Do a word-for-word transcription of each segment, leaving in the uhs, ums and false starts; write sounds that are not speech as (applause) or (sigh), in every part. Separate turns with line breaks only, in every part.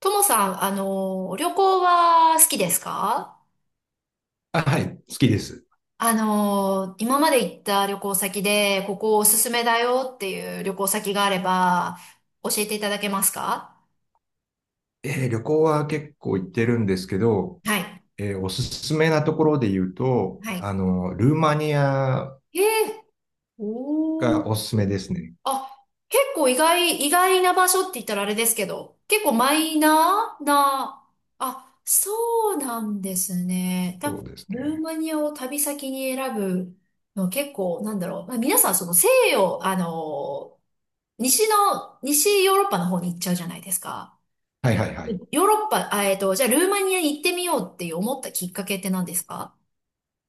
ともさん、あの旅行は好きですか？
あ、はい、好きです。
あの今まで行った旅行先で、ここおすすめだよっていう旅行先があれば、教えていただけますか？
えー旅行は結構行ってるんですけど、
はい。
えーおすすめなところで言うと、
はい。
あの、ルーマニア
えー、おー。
がおすすめですね。
あ、結構意外、意外な場所って言ったらあれですけど、結構マイナーな、あ、そうなんですね。た、
そうです
ルー
ね。
マニアを旅先に選ぶの結構、なんだろう。まあ、皆さんその西洋、あの西の、西ヨーロッパの方に行っちゃうじゃないですか。うん。
はいはいはい。
ヨーロッパ、あ、えっと、じゃあルーマニアに行ってみようって思ったきっかけって何ですか？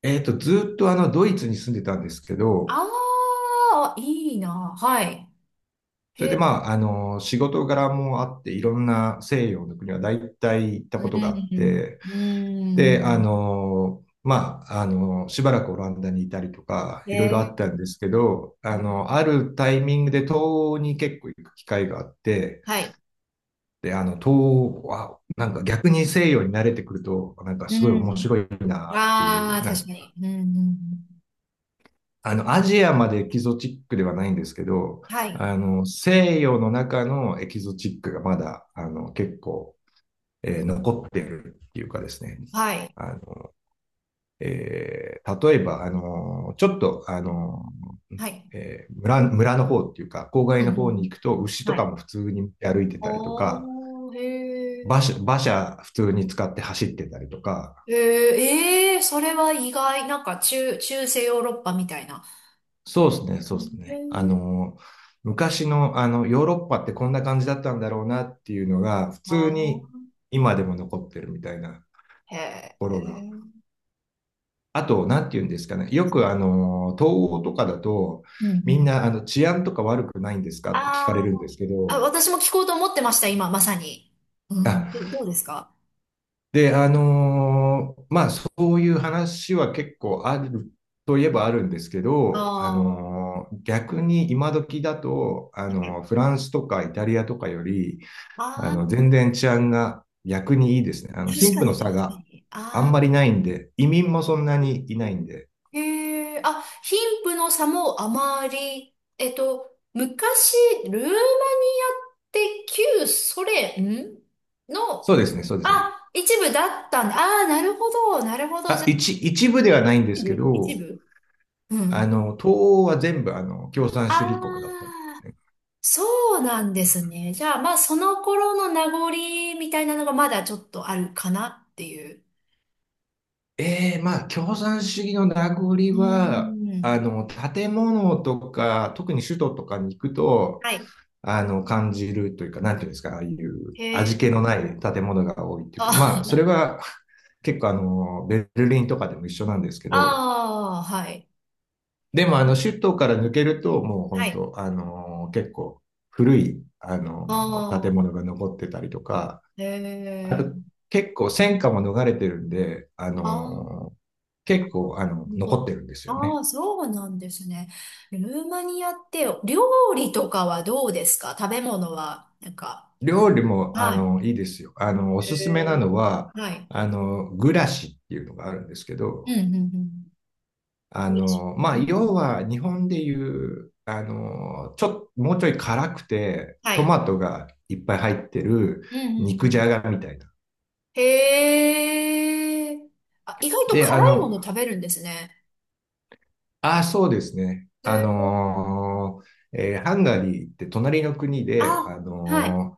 えっと、ずっとあの、ドイツに住んでたんですけど、
ああー、いいな。はい。
それで
へ、
まあ、あの、仕事柄もあって、いろんな西洋の国は大体行った
う
ことがあっ
ん、
て、
う
で、あ
ん。
の、まあ、あの、しばらくオランダにいたりとか、
へ
いろいろあ
え、
ったんですけど、あ
う
の、
ん。
あるタイミングで東欧に結構行く機会があって、
はい。
で、あの、東欧は、なんか逆に西洋に慣れてくると、なんか
う
すごい面
ん。
白いなっていう、
ああ、
な
確
ん
か
か
に。うん、うん。うん。
あの、アジアまでエキゾチックではないんですけど、
はい。
あの、西洋の中のエキゾチックがまだ、あの、結構、えー残ってるっていうかですね、
はい。
あの、えー例えば、あのーちょっと、あの
はい。
ーえー村、村の方っていうか、郊外
う
の
ん、う
方
ん、う
に
ん。
行くと、牛と
は
か
い。
も普通に歩いてたりとか、
おー、へ
馬車、
ー。
馬車普通に使って走ってたりとか、
へええー、それは意外。なんか中、中世ヨーロッパみたいな。
そうですね、
へ
そうですね。あ
え。
のー昔の、あの、ヨーロッパってこんな感じだったんだろうなっていうのが、普通に
あ
今でも残ってるみたいな
あ。
と
へ
ころが。
え。
あと、なんて言うんですかね。よく、あのー、東欧とかだと、
うん、うん。
みんな、あの、治安とか悪くないんですかって聞
あ
かれるんで
ー、
すけ
あ、
ど、
私も聞こうと思ってました、今、まさに。うん。
あ、
どどうですか？
で、あのーまあ、そういう話は結構あるといえばあるんですけ
あ
ど、あ
あ、は
のー逆に今時だと、あ
い。
のーフランスとかイタリアとかより、あ
あ
の、
あ、
全然治安が逆にいいですね。あの、
確
貧
か
富
に、
の
確
差
か
が
に。
あん
あ
まりないんで、移民もそんなにいないんで、
あ、へえ、あ、貧富の差もあまり、えっと、昔、ルーマニアって旧ソ連ん
そう
の、
ですね、そうですね。
あ、一部だったんで、ああ、なるほど、なるほど、
あ、
じゃあ、
一、一部ではないんです
一
け
部一
ど、
部、う
あ
ん。
の、東欧は全部、あの、共産
あ
主義国だったんでね、
あ、そうなんですね。じゃあ、まあ、その頃の名残みたいなのがまだちょっとあるかなっていう。
ええ、まあ、共産主義の名残
うー
は、あ
ん。
の、建物とか、特に首都とかに行くと、
はい。
あの、感じるというか、なんていうんですか、ああいう
へ
味
え。
気のない建物が多いっていう
あ、
か、まあ、それは結構あの、ベルリンとかでも一緒なんです
(laughs)
けど、
ああ、はい。
でもあの、首都から抜けると、もう
は
本
い。
当、あの、結構古い、あ
あ
の、建
あ、
物が残ってたりとか、
へ
あ
え。
と、結構戦火も逃れてるんで、あ
あー、
のー結構、あの、
お、
残ってるんですよね。
あー、そうなんですね。ルーマニアって、料理とかはどうですか？食べ物は、なんか。
料理も、あ
はい。
の、いいですよ。あの、お
へ
すすめ
え。
なのは、
はい。
あの、グラシっていうのがあるんですけ
うん、
ど、
うん、うん。
あ
どうでし
の、ま
ょう？
あ、
うん、う
要
ん。
は日本でいう、あの、ちょっと、もうちょい辛くて、
は
ト
い。
マトがいっぱい入ってる
うん、うん、う
肉じ
ん。
ゃがみたいな。
へえ。あ、意外と
で、あ
辛いも
の、
の食べるんですね。
ああ、そうですね。
へ
あ
え。
のーえーハンガリーって隣の国で、あ
あ、はい。
の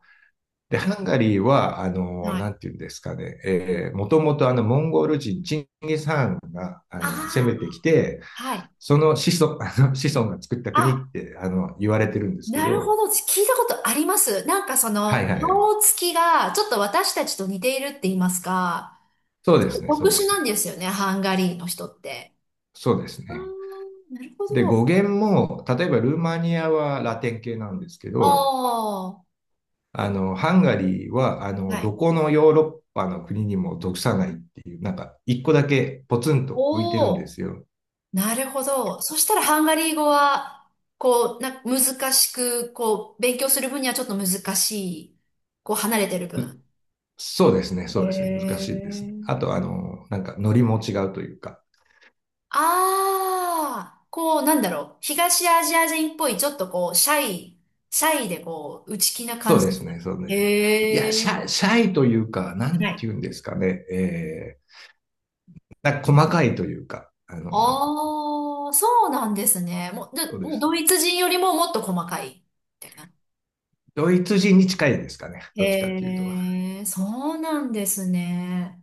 で、ハンガリーは、あの、
は
な
い。
んていうんですかね、えーもともとあの、モンゴル人、チンギス・ハンが、あ
あ
の、攻めてきて、
あ、はい。
その子孫、(laughs) あの、子孫が作った国っ
あ、
て、あの、言われてるんですけ
なるほ
ど、
ど。聞いたことあります。なんかそ
はい
の、
はい。
顔つきが、ちょっと私たちと似ているって言いますか、
そう
ち
で
ょっ
す
と
ね、そ
特
うで
殊
す
なん
ね。
ですよね、ハンガリーの人って。
そうです
ああ、
ね。
なるほ
で、
ど。
語源も、例えばルーマニアはラテン系なんですけ
あ
ど、
あ、
あの、ハンガリーは、あ
は
の、ど
い。
このヨーロッパの国にも属さないっていう、なんか、一個だけポツンと浮いてる
お
んで
お。
すよ。
なるほど。そしたらハンガリー語は、こう、な、難しく、こう、勉強する分にはちょっと難しい。こう、離れてる分。
そうですね、
へ
そうですね、難しいですね。あ
え。
と、あの、なんか、ノリも違うというか、
ああ、こう、なんだろう。東アジア人っぽい、ちょっとこう、シャイ、シャイでこう、内気な
そ
感
う
じ
で
です
す
か？
ね、そうですね。い
へ
や、シ
え。
ャイ、シャイというか、な
は
んて
い。
言うんですかね、えー、なんか細かいというか、あの、
ああ、そうなんですね。もう、で
そうで
もう
すね。
ドイツ人よりももっと細かい、みたいな。
ドイツ人に近いですかね、どっちかってい
へ
うと。
え、そうなんですね。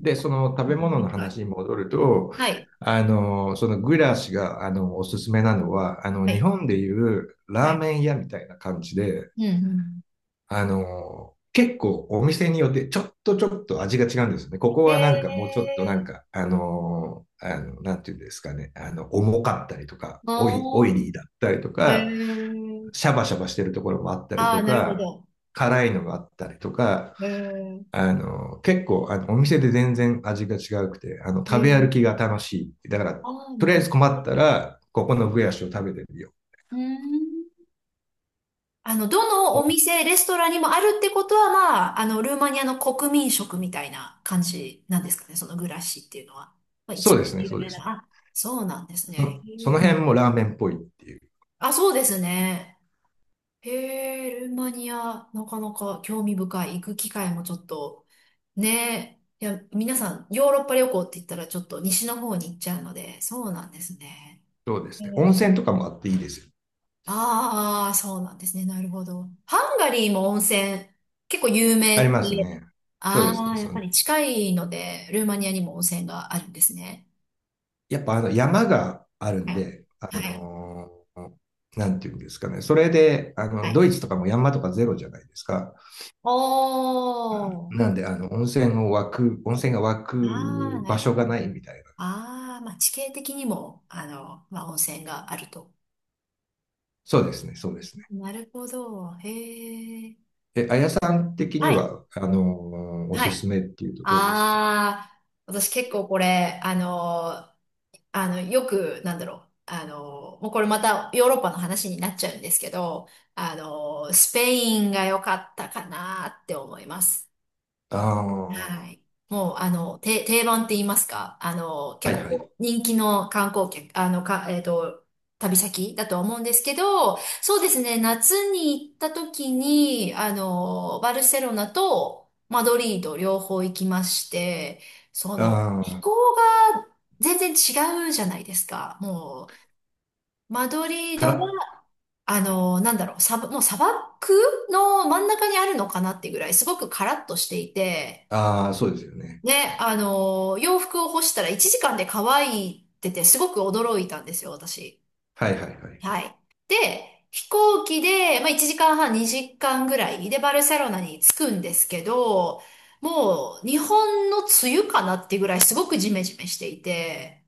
で、その食べ物の
委か
話
い、
に戻ると、
はい。
あの、そのグラシが、あの、おすすめなのは、あの、
は
日
い。
本でいう
は
ラー
い。
メン屋みたいな感じで、
うん、うん。
あの、結構お店によってちょっとちょっと味が違うんですよね。ここ
え
はなんかもうちょっとなん
ー、
か、あの、あの、なんていうんですかね、あの、重かったりとか、オ
あ
イ、オイリーだったりと
ー、え
か、
ー、
シャバシャバしてるところもあったり
あ
と
ー、なるほ
か、
ど。
辛いのがあったりとか、
えー、
あの、結構、あの、お店で全然味が違うくて、あの、
え
食べ歩きが
ー、
楽しい。だから、
あー、
とりあ
な
え
る
ず
ほど。
困ったら、ここのブヤシを食べてみよう。
うーん。あの、どの
そう
お店、レストランにもあるってことは、まあ、あの、ルーマニアの国民食みたいな感じなんですかね、そのグラッシーっていうのは。まあ、
そ
一
う
番
ですね、
有
そうで
名な。
すね。
あ、そうなんです
そ
ね。
の
へ
その
ー。
辺もラーメンっぽいっていう。
あ、そうですね。へえ、ルーマニア、なかなか興味深い。行く機会もちょっと、ねえ。いや、皆さん、ヨーロッパ旅行って言ったらちょっと西の方に行っちゃうので、そうなんですね。
そうです
へ
ね。温
え。
泉とかもあっていいですよ。
ああ、そうなんですね。なるほど。ハンガリーも温泉、結構有名
あり
っ
ます
て、
ね。そうです
あ
ね。
あ、やっ
そ
ぱ
の
り近いので、ルーマニアにも温泉があるんですね。
やっぱあの山がある
は
ん
い。
で、あ
は
の
い。
ーなんていうんですかね。それで、あ
は
の、ド
い。
イツとかも山とかゼロじゃないですか。
おー。
なんで、あの、温泉を湧く、温泉が湧
ああ、
く
な
場
るほ
所がな
ど。
いみたいな。
ああ、まあ、地形的にも、あの、まあ、温泉があると。
そうですね、そうですね。
なるほど。へえ。
え、あやさん的に
はい。
は、あのーお
は
すす
い。
めっていうとどうですかね。
ああ、私結構これ、あの、あの、よく、なんだろう。あの、もうこれまたヨーロッパの話になっちゃうんですけど、あの、スペインが良かったかなって思います。
ああ、
は
は
い。もう、あの、て、定番って言いますか、あの、結
い
構
はい。
こう、人気の観光客、あの、か、えっと、旅先だとは思うんですけど、そうですね、夏に行った時に、あの、バルセロナとマドリード両方行きまして、その、
あ
気
あ、
候が全然違うじゃないですか。もう、マドリー
か
ドは
ら、
あの、なんだろう、サバ、もう砂漠の真ん中にあるのかなってぐらい、すごくカラッとしていて、
ああ、そうですよね。
ね、あの、洋服を干したらいちじかんで乾いてて、すごく驚いたんですよ、私。
はいはいはいはい。
はい。で、飛行機で、まあ、いちじかんはん、にじかんぐらいでバルセロナに着くんですけど、もう日本の梅雨かなってぐらいすごくジメジメしていて、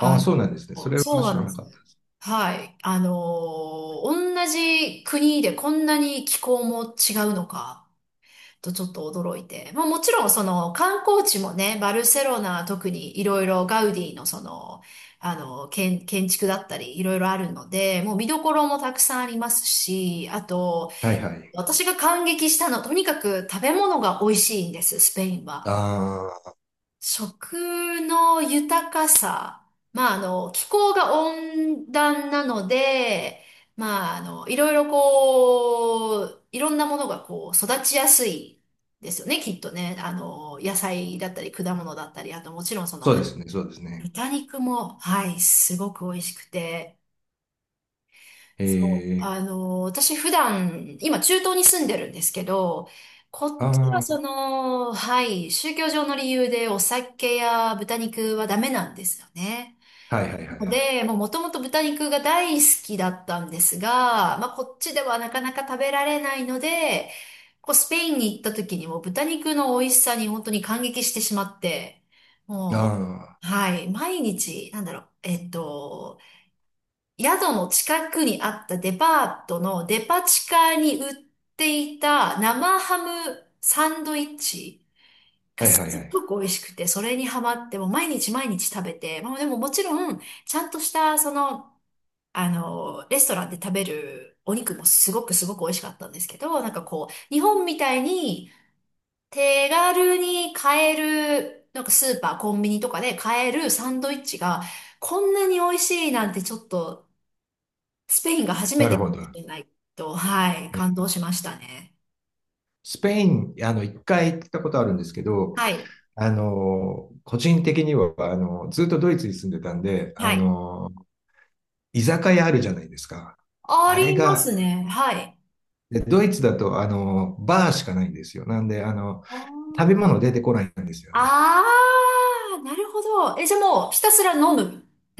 ああ、そうなんですね。そ
の、
れ
そ
は
うな
知
ん
ら
で
なかった
す。
です。
はい。あの、同じ国でこんなに気候も違うのか、とちょっと驚いて。まあもちろんその観光地もね、バルセロナは特にいろいろガウディのその、あの、建、建築だったりいろいろあるので、もう見どころもたくさんありますし、あと、
はいはい。
私が感激したのはとにかく食べ物が美味しいんです、スペインは。
ああ、
食の豊かさ。まあ、あの、気候が温暖なので、まあ、あの、いろいろこう、いろんなものがこう、育ちやすいですよね、きっとね。あの、野菜だったり、果物だったり、あともちろんその、
そうですね、そうですね。
豚肉も、はい、すごく美味しくて、
え
そう、
え、
あの、私普段、今中東に住んでるんですけど、こっちは
ああ、
その、はい、宗教上の理由でお酒や豚肉はダメなんですよね。
はいはいはいは
の
い。
で、もうもともと豚肉が大好きだったんですが、まあこっちではなかなか食べられないので、こうスペインに行った時にも豚肉の美味しさに本当に感激してしまって、
あ
はい、毎日、なんだろう、えっと、宿の近くにあったデパートのデパ地下に売っていた生ハムサンドイッチ
あ、
が
はい
す
はいは
っご
い。
く美味しくて、それにハマって、もう毎日毎日食べて、まあでももちろん、ちゃんとした、その、あの、レストランで食べるお肉もすごくすごく美味しかったんですけど、なんかこう、日本みたいに手軽に買える、なんかスーパー、コンビニとかで買えるサンドイッチが、こんなに美味しいなんてちょっとスペインが初め
なる
てか
ほ
も
ど。
しれないと、はい、
え
感動しましたね。
スペイン、あの、一回行ったことあるんですけど、
はい、
あの、個人的には、あの、ずっとドイツに住んでたんで、あ
はい。
の、居酒屋あるじゃないですか。
あ
あれ
ります
が、
ね。はい。
でドイツだと、あの、バーしかないんですよ。なんで、あの、
あ
食べ物出てこないんですよね。
あー、なるほど。え、じゃあもうひたすら飲む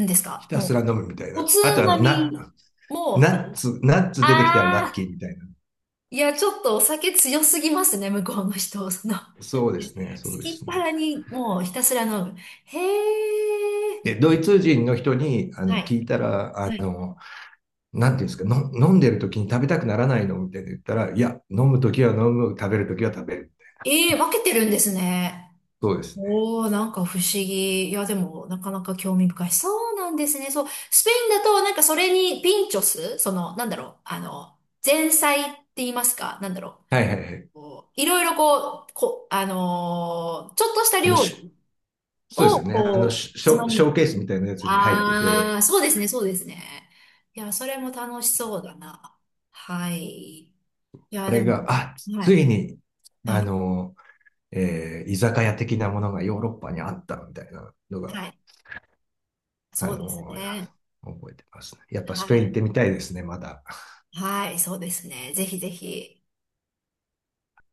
んです
ひ
か、
た
も
すら飲むみたい
う。お
な。
つ
あと、あ
ま
の、な、
みも、
ナッツ、ナッツ出てきたらラ
あ
ッキ
あ、
ーみたいな。
いや、ちょっとお酒強すぎますね、向こうの人。その、好
そうですね、そう
き
で
っ
すね。
腹にもうひたすら飲む。へえ、
で、ドイツ人の人にあ
は
の
い、
聞いたら、あ
はい。
の、なんていうんですか、の飲んでる時に食べたくならないのみたいな言ったら、いや、飲む時は飲む、食べる時は食べる。
ええ、分けてるんですね。
そうですね。
おー、なんか不思議。いや、でも、なかなか興味深い。そうなんですね。そう。スペインだと、なんかそれにピンチョス、その、なんだろう、あの、前菜って言いますか、なんだろ
はいはいはい。
う。こういろいろこう、こ、あのーちょっとした
あの、
料
し
理
そうです
を、
よね。あの
こう、
シ
つま
ョ、
み
ショー
に。
ケースみたいなやつに入って
あ
て、
ー、そうですね、そうですね。いや、それも楽しそうだな。はい。い
あ
や、で
れが、
も、
あ、
は
つ
い。
いに、
は
あ
い。
の、えー居酒屋的なものがヨーロッパにあったみたいなの
は
が、
い。
あ
そうです
の、
ね。
覚えてますね。やっぱスペイ
は
ン行っ
い。
てみたいですね、まだ。
はい、そうですね。ぜひぜひ。